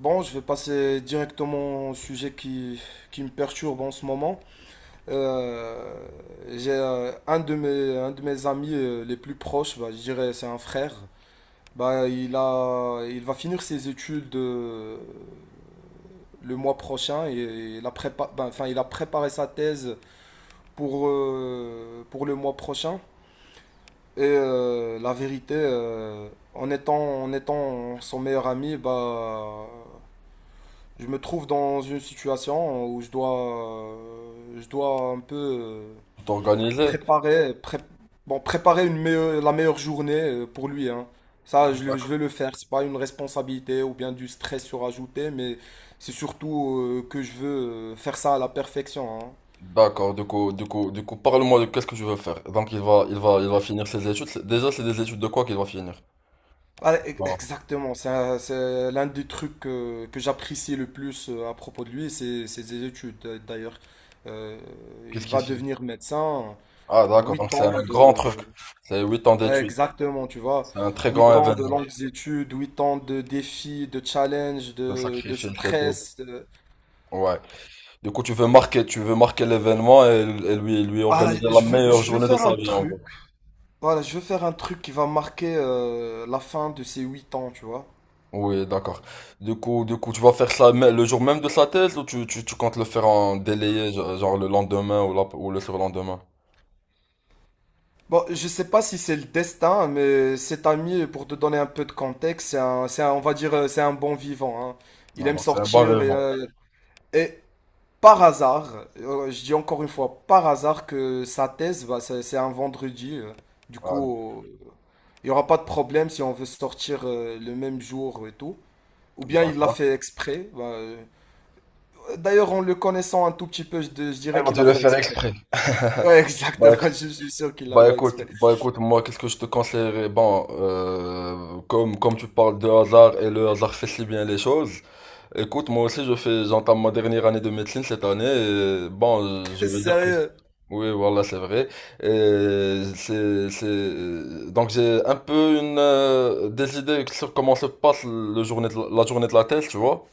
Bon, je vais passer directement au sujet qui me perturbe en ce moment. Euh, j'ai un de mes amis les plus proches, bah, je dirais c'est un frère. Bah, il va finir ses études le mois prochain et bah, enfin, il a préparé sa thèse pour le mois prochain. Et la vérité, en étant son meilleur ami, bah, je me trouve dans une situation où je dois un peu T'organiser? préparer, pré- bon, préparer la meilleure journée pour lui, hein. Ça, je vais le faire. C'est pas une responsabilité ou bien du stress surajouté, mais c'est surtout que je veux faire ça à la perfection, hein. D'accord, du coup, parle-moi de qu'est-ce que tu veux faire. Donc, il va finir ses études. Déjà, c'est des études de quoi qu'il va finir? Ah, Bon, exactement. C'est l'un des trucs que j'apprécie le plus à propos de lui, c'est ses études. D'ailleurs, Euh, qu'est-ce il qu'il va fait? devenir médecin. Ah, d'accord, donc 8 c'est ans un grand truc. de. C'est 8 ans d'études. Exactement, tu vois. C'est un très huit grand ans de événement. longues études, 8 ans de défis, de challenges, Le de sacrifice et tout. stress. Ouais. Du coup, tu veux marquer l'événement et lui Voilà, organiser la je veux, meilleure je veux journée de faire un sa vie, en truc. gros. Voilà, je veux faire un truc qui va marquer la fin de ces 8 ans, tu vois. Oui, d'accord. Du coup, tu vas faire ça le jour même de sa thèse ou tu comptes le faire en délayé, genre le lendemain ou le surlendemain? Bon, je sais pas si c'est le destin, mais cet ami, pour te donner un peu de contexte, on va dire, c'est un bon vivant, hein. Il Ah, aime donc c'est un bon sortir et, élément. euh, et, par hasard, je dis encore une fois, par hasard que sa thèse, bah, c'est un vendredi. Du Ah, coup, il n'y aura pas de problème si on veut sortir le même jour et tout. Ou bien il l'a d'accord. fait exprès. Bah, d'ailleurs, en le connaissant un tout petit peu, je dirais Ils ont qu'il dû l'a le fait faire exprès. exprès. Ouais, Bah, exactement, éc- je suis sûr qu'il l'a bah, fait écoute, exprès. bah écoute, moi qu'est-ce que je te conseillerais? Bon, comme tu parles de hasard et le hasard fait si bien les choses, écoute, moi aussi j'entame ma dernière année de médecine cette année et bon, je veux dire que… Sérieux. Oui, voilà, c'est vrai. Donc j'ai un peu des idées sur comment se passe le journée de la la journée de la thèse, tu vois.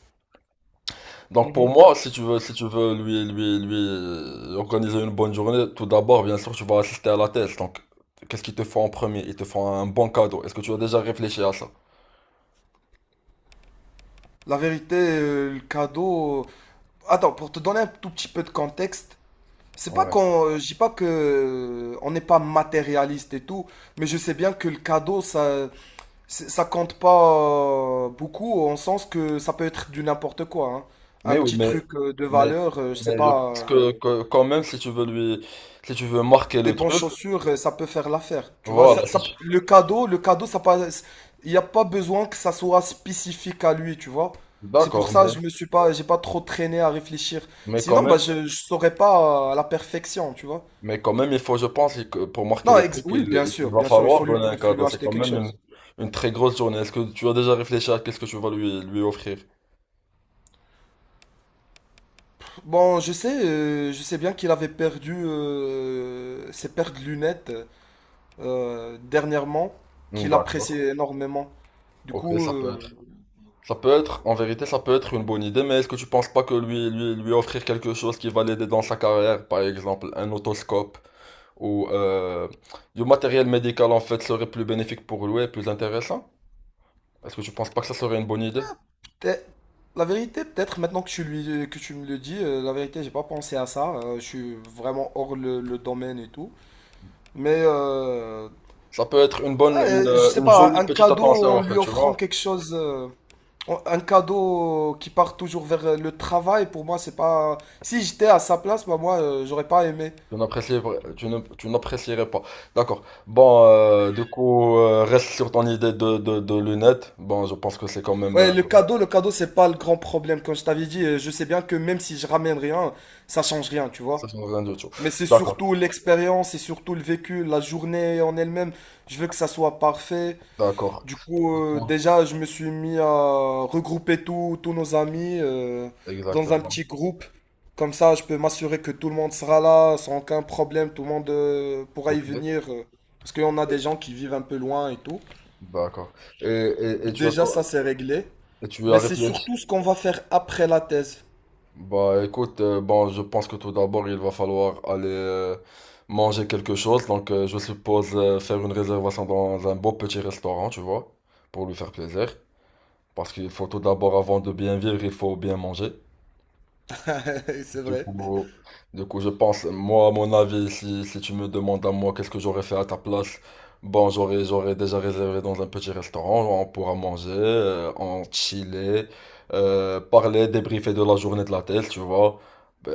Donc pour Mhm. moi, si tu veux, lui organiser une bonne journée, tout d'abord, bien sûr, tu vas assister à la thèse. Donc, qu'est-ce qu'ils te font en premier? Ils te font un bon cadeau. Est-ce que tu as déjà réfléchi à ça? La vérité, le cadeau... Attends, pour te donner un tout petit peu de contexte. C'est pas Ouais. qu'on, je dis pas que on n'est pas matérialiste et tout, mais je sais bien que le cadeau ça, ça compte pas beaucoup en sens que ça peut être du n'importe quoi, hein. Mais Un oui, petit truc de mais, valeur, je sais je pas, pense que, euh, que quand même, si tu veux lui, si tu veux marquer des le bonnes truc, chaussures, ça peut faire l'affaire. Tu vois, voilà. Si tu- le cadeau, ça passe. Il n'y a pas besoin que ça soit spécifique à lui, tu vois. C'est pour D'accord, ça que mais, je me suis pas, j'ai pas trop traîné à réfléchir. mais quand Sinon, même, bah je saurais pas à la perfection, tu vois. mais quand même, il faut, je pense, que pour marquer Non, le truc, il, oui, il il va bien sûr, il falloir faut lui, donner un il faut lui cadeau. C'est acheter quand quelque même une, chose. une très grosse journée. Est-ce que tu as déjà réfléchi à qu'est-ce que tu vas lui offrir? Bon, je sais bien qu'il avait perdu ses paires de lunettes dernièrement, Hmm, qu'il appréciait d'accord. énormément. Du Ok, coup, ça peut être. Ça peut être, en vérité, ça peut être une bonne idée, mais est-ce que tu penses pas que lui offrir quelque chose qui va l'aider dans sa carrière, par exemple un otoscope ou du matériel médical en fait serait plus bénéfique pour lui et plus intéressant? Est-ce que tu penses pas que ça serait une bonne idée? peut-être- la vérité, peut-être maintenant que tu me le dis, la vérité, j'ai pas pensé à ça. Je suis vraiment hors le domaine et tout. Mais Ça peut être ouais, je sais une pas, jolie un petite cadeau attention en en fait, lui tu offrant vois? quelque chose. Un cadeau qui part toujours vers le travail, pour moi, c'est pas. Si j'étais à sa place, bah, moi, j'aurais pas aimé. Tu n'apprécierais pas. D'accord. Bon, du coup, reste sur ton idée de lunettes. Bon, je pense que c'est quand même… Ouais, le cadeau, c'est pas le grand problème. Comme je t'avais dit, je sais bien que même si je ramène rien, ça change rien, tu ça vois. change rien du tout. Mais c'est D'accord, surtout l'expérience, c'est surtout le vécu, la journée en elle-même. Je veux que ça soit parfait. d'accord. Du coup, Ah, déjà, je me suis mis à regrouper tous nos amis dans un exactement. petit groupe. Comme ça, je peux m'assurer que tout le monde sera là sans aucun problème. Tout le monde pourra Ok. y venir. Parce qu'on a des gens qui vivent un peu loin et tout. D'accord. Et tu as Déjà, quoi? ça, c'est réglé. Et tu as Mais c'est réfléchi? surtout ce qu'on va faire après la thèse. Bah écoute, bon, je pense que tout d'abord, il va falloir aller manger quelque chose. Donc, je suppose faire une réservation dans un beau petit restaurant, tu vois, pour lui faire plaisir. Parce qu'il faut tout d'abord, avant de bien vivre, il faut bien manger. C'est Du vrai. coup, du coup, je pense, moi, à mon avis, si tu me demandes à moi qu'est-ce que j'aurais fait à ta place, bon, j'aurais déjà réservé dans un petit restaurant, on pourra manger, en chiller, parler, débriefer de la journée de la tête, tu vois,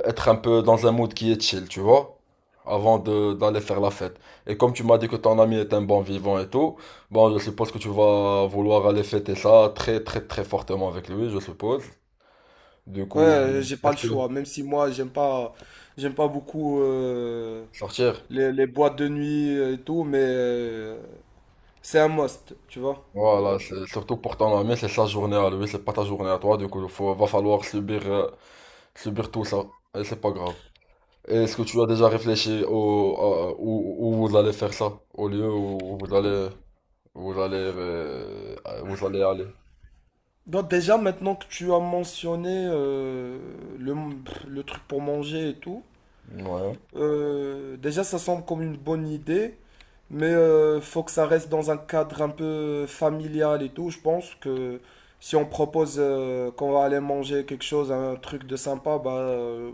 être un peu dans un mood qui est chill, tu vois, avant d'aller faire la fête. Et comme tu m'as dit que ton ami est un bon vivant et tout, bon, je suppose que tu vas vouloir aller fêter ça très, très, très fortement avec lui, je suppose. Du Ouais, coup, j'ai pas est-ce le que choix. Même si moi, j'aime pas beaucoup sortir? les boîtes de nuit et tout, mais c'est un must, tu vois. Voilà, surtout pour ton ami, c'est sa journée à lui, c'est pas ta journée à toi, du coup, va falloir subir tout ça, et c'est pas grave. Et est-ce que tu as déjà réfléchi où vous allez faire ça, au lieu où vous allez, euh, vous allez aller? Donc déjà, maintenant que tu as mentionné le, le truc pour manger et tout, Ouais. Déjà, ça semble comme une bonne idée, mais faut que ça reste dans un cadre un peu familial et tout. Je pense que si on propose qu'on va aller manger quelque chose, un truc de sympa, bah,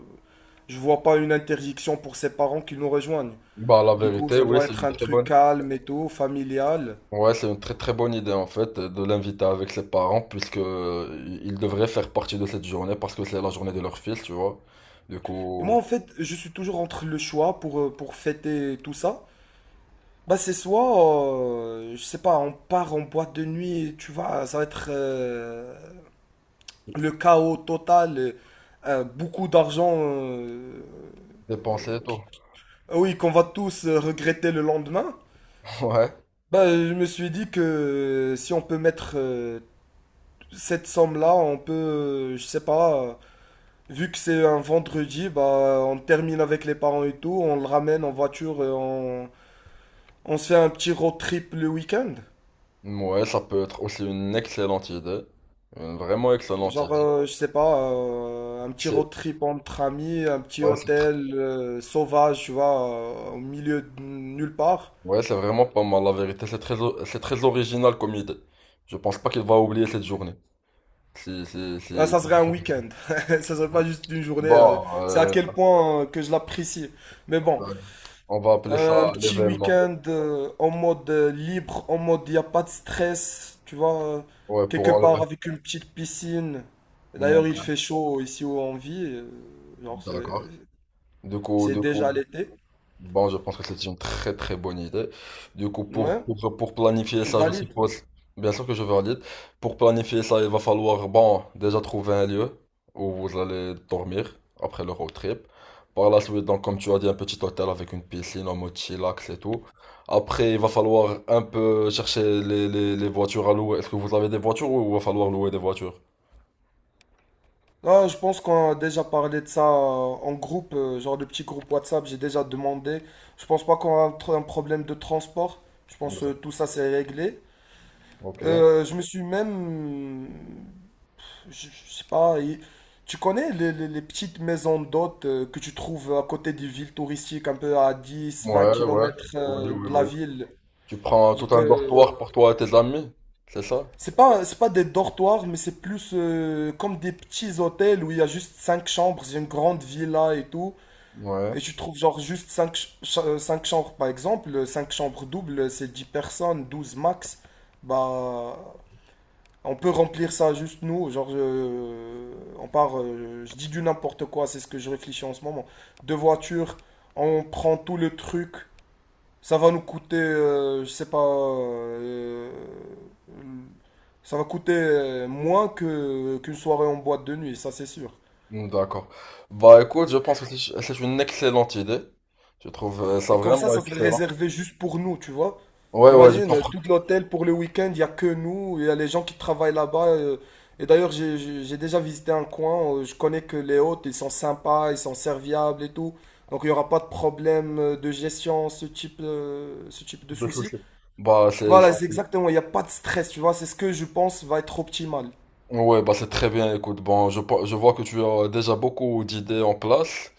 je vois pas une interdiction pour ses parents qui nous rejoignent. Bah, la Du coup, vérité, ça oui, doit c'est être une un très truc bonne. calme et tout, familial. Ouais, c'est une très très bonne idée en fait de l'inviter avec ses parents puisque ils devraient faire partie de cette journée parce que c'est la journée de leur fils, tu vois. Du Et moi, coup, en fait, je suis toujours entre le choix pour fêter tout ça. Bah c'est soit, je sais pas, on part en boîte de nuit, tu vois, ça va être le chaos total, beaucoup d'argent, dépenser et tout. qui- ah oui, qu'on va tous regretter le lendemain. Ouais. Bah je me suis dit que si on peut mettre cette somme-là, on peut, je sais pas, vu que c'est un vendredi, bah on termine avec les parents et tout, on le ramène en voiture, et on se fait un petit road trip le week-end. Ouais, ça peut être aussi une excellente idée. Une vraiment excellente Genre, idée. Je sais pas, un petit C'est road trip entre amis, un petit ouais, c'est tr- hôtel sauvage, tu vois, au milieu de nulle part. Ouais, c'est vraiment pas mal, la vérité. C'est très original comme idée. Je pense pas qu'il va oublier cette journée. Si, si, si. Ça serait un week-end. Ça serait pas juste une journée. Bon, C'est à quel point que je l'apprécie. Mais bon, on va appeler un ça petit l'événement. week-end en mode libre, en mode il n'y a pas de stress, tu vois, Ouais, pour quelque part enlever. avec une petite piscine. Bon, D'ailleurs, il fait chaud ici où on vit. Genre, c'est d'accord. Du coup, c'est du coup, déjà l'été. bon, je pense que c'est une très très bonne idée. Du coup, pour, Ouais, pour, pour planifier tu ça, je valides. suppose, bien sûr que je vais valide. Pour planifier ça, il va falloir, bon, déjà trouver un lieu où vous allez dormir après le road trip. Par la suite, donc, comme tu as dit, un petit hôtel avec une piscine en mode chillax et tout. Après, il va falloir un peu chercher les voitures à louer. Est-ce que vous avez des voitures ou il va falloir louer des voitures? Là, je pense qu'on a déjà parlé de ça en groupe, genre de petit groupe WhatsApp, j'ai déjà demandé. Je pense pas qu'on a un problème de transport. Je pense que tout ça c'est réglé. Ok. Ouais, Je me suis même... Je sais pas, tu connais les petites maisons d'hôtes que tu trouves à côté des villes touristiques, un peu à 10, 20 ouais. kilomètres Oui, oui, de la oui. ville. Tu prends tout Donc, un dortoir pour toi et tes amis, c'est ça? c'est pas des dortoirs, mais c'est plus comme des petits hôtels où il y a juste 5 chambres, c'est une grande villa et tout. Ouais, Et tu trouves genre juste cinq chambres par exemple, 5 chambres doubles, c'est 10 personnes, 12 max. Bah, on peut remplir ça juste nous, genre on part, je dis du n'importe quoi, c'est ce que je réfléchis en ce moment. Deux voitures, on prend tout le truc, ça va nous coûter, je sais pas, ça va coûter moins que qu'une soirée en boîte de nuit, ça c'est sûr. mm, d'accord. Bah écoute, je pense que c'est une excellente idée. Je trouve ça Et comme ça, vraiment ça serait excellent. réservé juste pour nous, tu vois. Ouais, ouais, je Imagine, comprends. tout l'hôtel pour le week-end, il n'y a que nous, il y a les gens qui travaillent là-bas. Et d'ailleurs, j'ai déjà visité un coin, je connais que les hôtes, ils sont sympas, ils sont serviables et tout. Donc il n'y aura pas de problème de gestion, ce type de Pas de souci. souci. Bah c'est, Voilà, c'est- c'est c'est- exactement, il n'y a pas de stress, tu vois, c'est ce que je pense va être optimal. ouais, bah c'est très bien. Écoute, bon, je vois que tu as déjà beaucoup d'idées en place.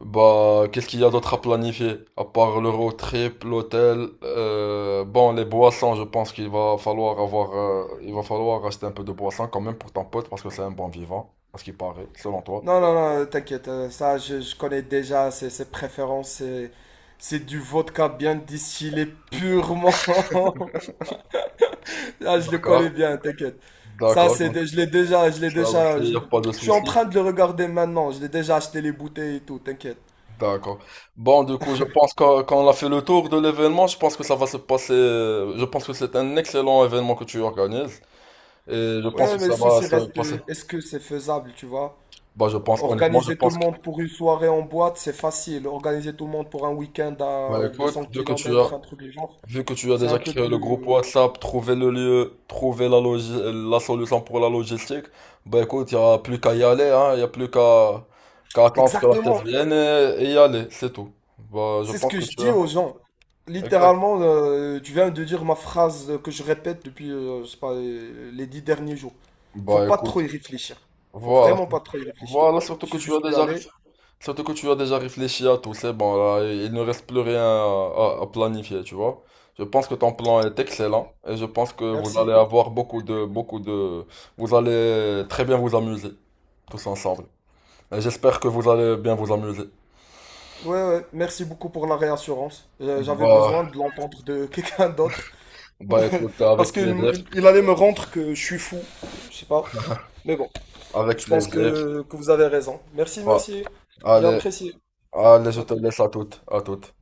Bah, qu'est-ce qu'il y a d'autre à planifier? À part le road trip, l'hôtel, bon, les boissons, je pense qu'il va falloir avoir, il va falloir acheter un peu de boissons quand même pour ton pote parce que c'est un bon vivant, à ce qui paraît, selon toi. Non, non, non, t'inquiète, ça, je connais déjà ses préférences, c'est du vodka bien distillé purement. Ah, je le D'accord, connais bien, t'inquiète. Ça, d'accord. Je l'ai déjà, je l'ai Ça déjà, je, aussi, pas de je suis en souci. train de le regarder maintenant. Je l'ai déjà acheté les bouteilles et tout, t'inquiète. D'accord. Bon, du coup, je pense qu'on a fait le tour de l'événement. Je pense que ça va se passer. Je pense que c'est un excellent événement que tu organises. Et je pense Ouais, que mais le ça va souci se reste, passer. Est-ce que c'est faisable, tu vois? Bah, je pense, honnêtement, je Organiser tout le pense que. monde pour une soirée en boîte, c'est facile. Organiser tout le monde pour un week-end Bah, à deux écoute, cents kilomètres, un truc du genre, vu que tu as c'est un déjà peu créé le plus... groupe WhatsApp, trouvé le lieu, la solution pour la logistique, bah, écoute, il n'y a plus qu'à y aller, hein. Il n'y a plus qu'à attendre que la thèse Exactement. vienne et y aller. C'est tout. Bah, je C'est ce pense que que je tu dis as. aux gens. Exact. Littéralement, tu viens de dire ma phrase que je répète depuis, je sais pas, les 10 derniers jours. Faut Bah, pas trop écoute. y réfléchir. Faut Voilà. vraiment pas trop y réfléchir. Voilà, Je suis juste y aller. Surtout que tu as déjà réfléchi à tout, c'est bon, là, il ne reste plus rien à planifier, tu vois. Je pense que ton plan est excellent et je pense que vous allez Merci. avoir beaucoup de, vous allez très bien vous amuser, tous ensemble. Et j'espère que vous allez bien vous amuser. Ouais, ouais, merci beaucoup pour la réassurance. J'avais Bah, besoin de l'entendre de quelqu'un d'autre. bah, écoute, avec Parce qu'il plaisir, il allait me rendre que je suis fou. Je sais pas. Mais bon, avec je pense plaisir. que vous avez raison. Merci, Bah, merci. J'ai allez, apprécié. allez, je À te tout. laisse à toutes, à toutes.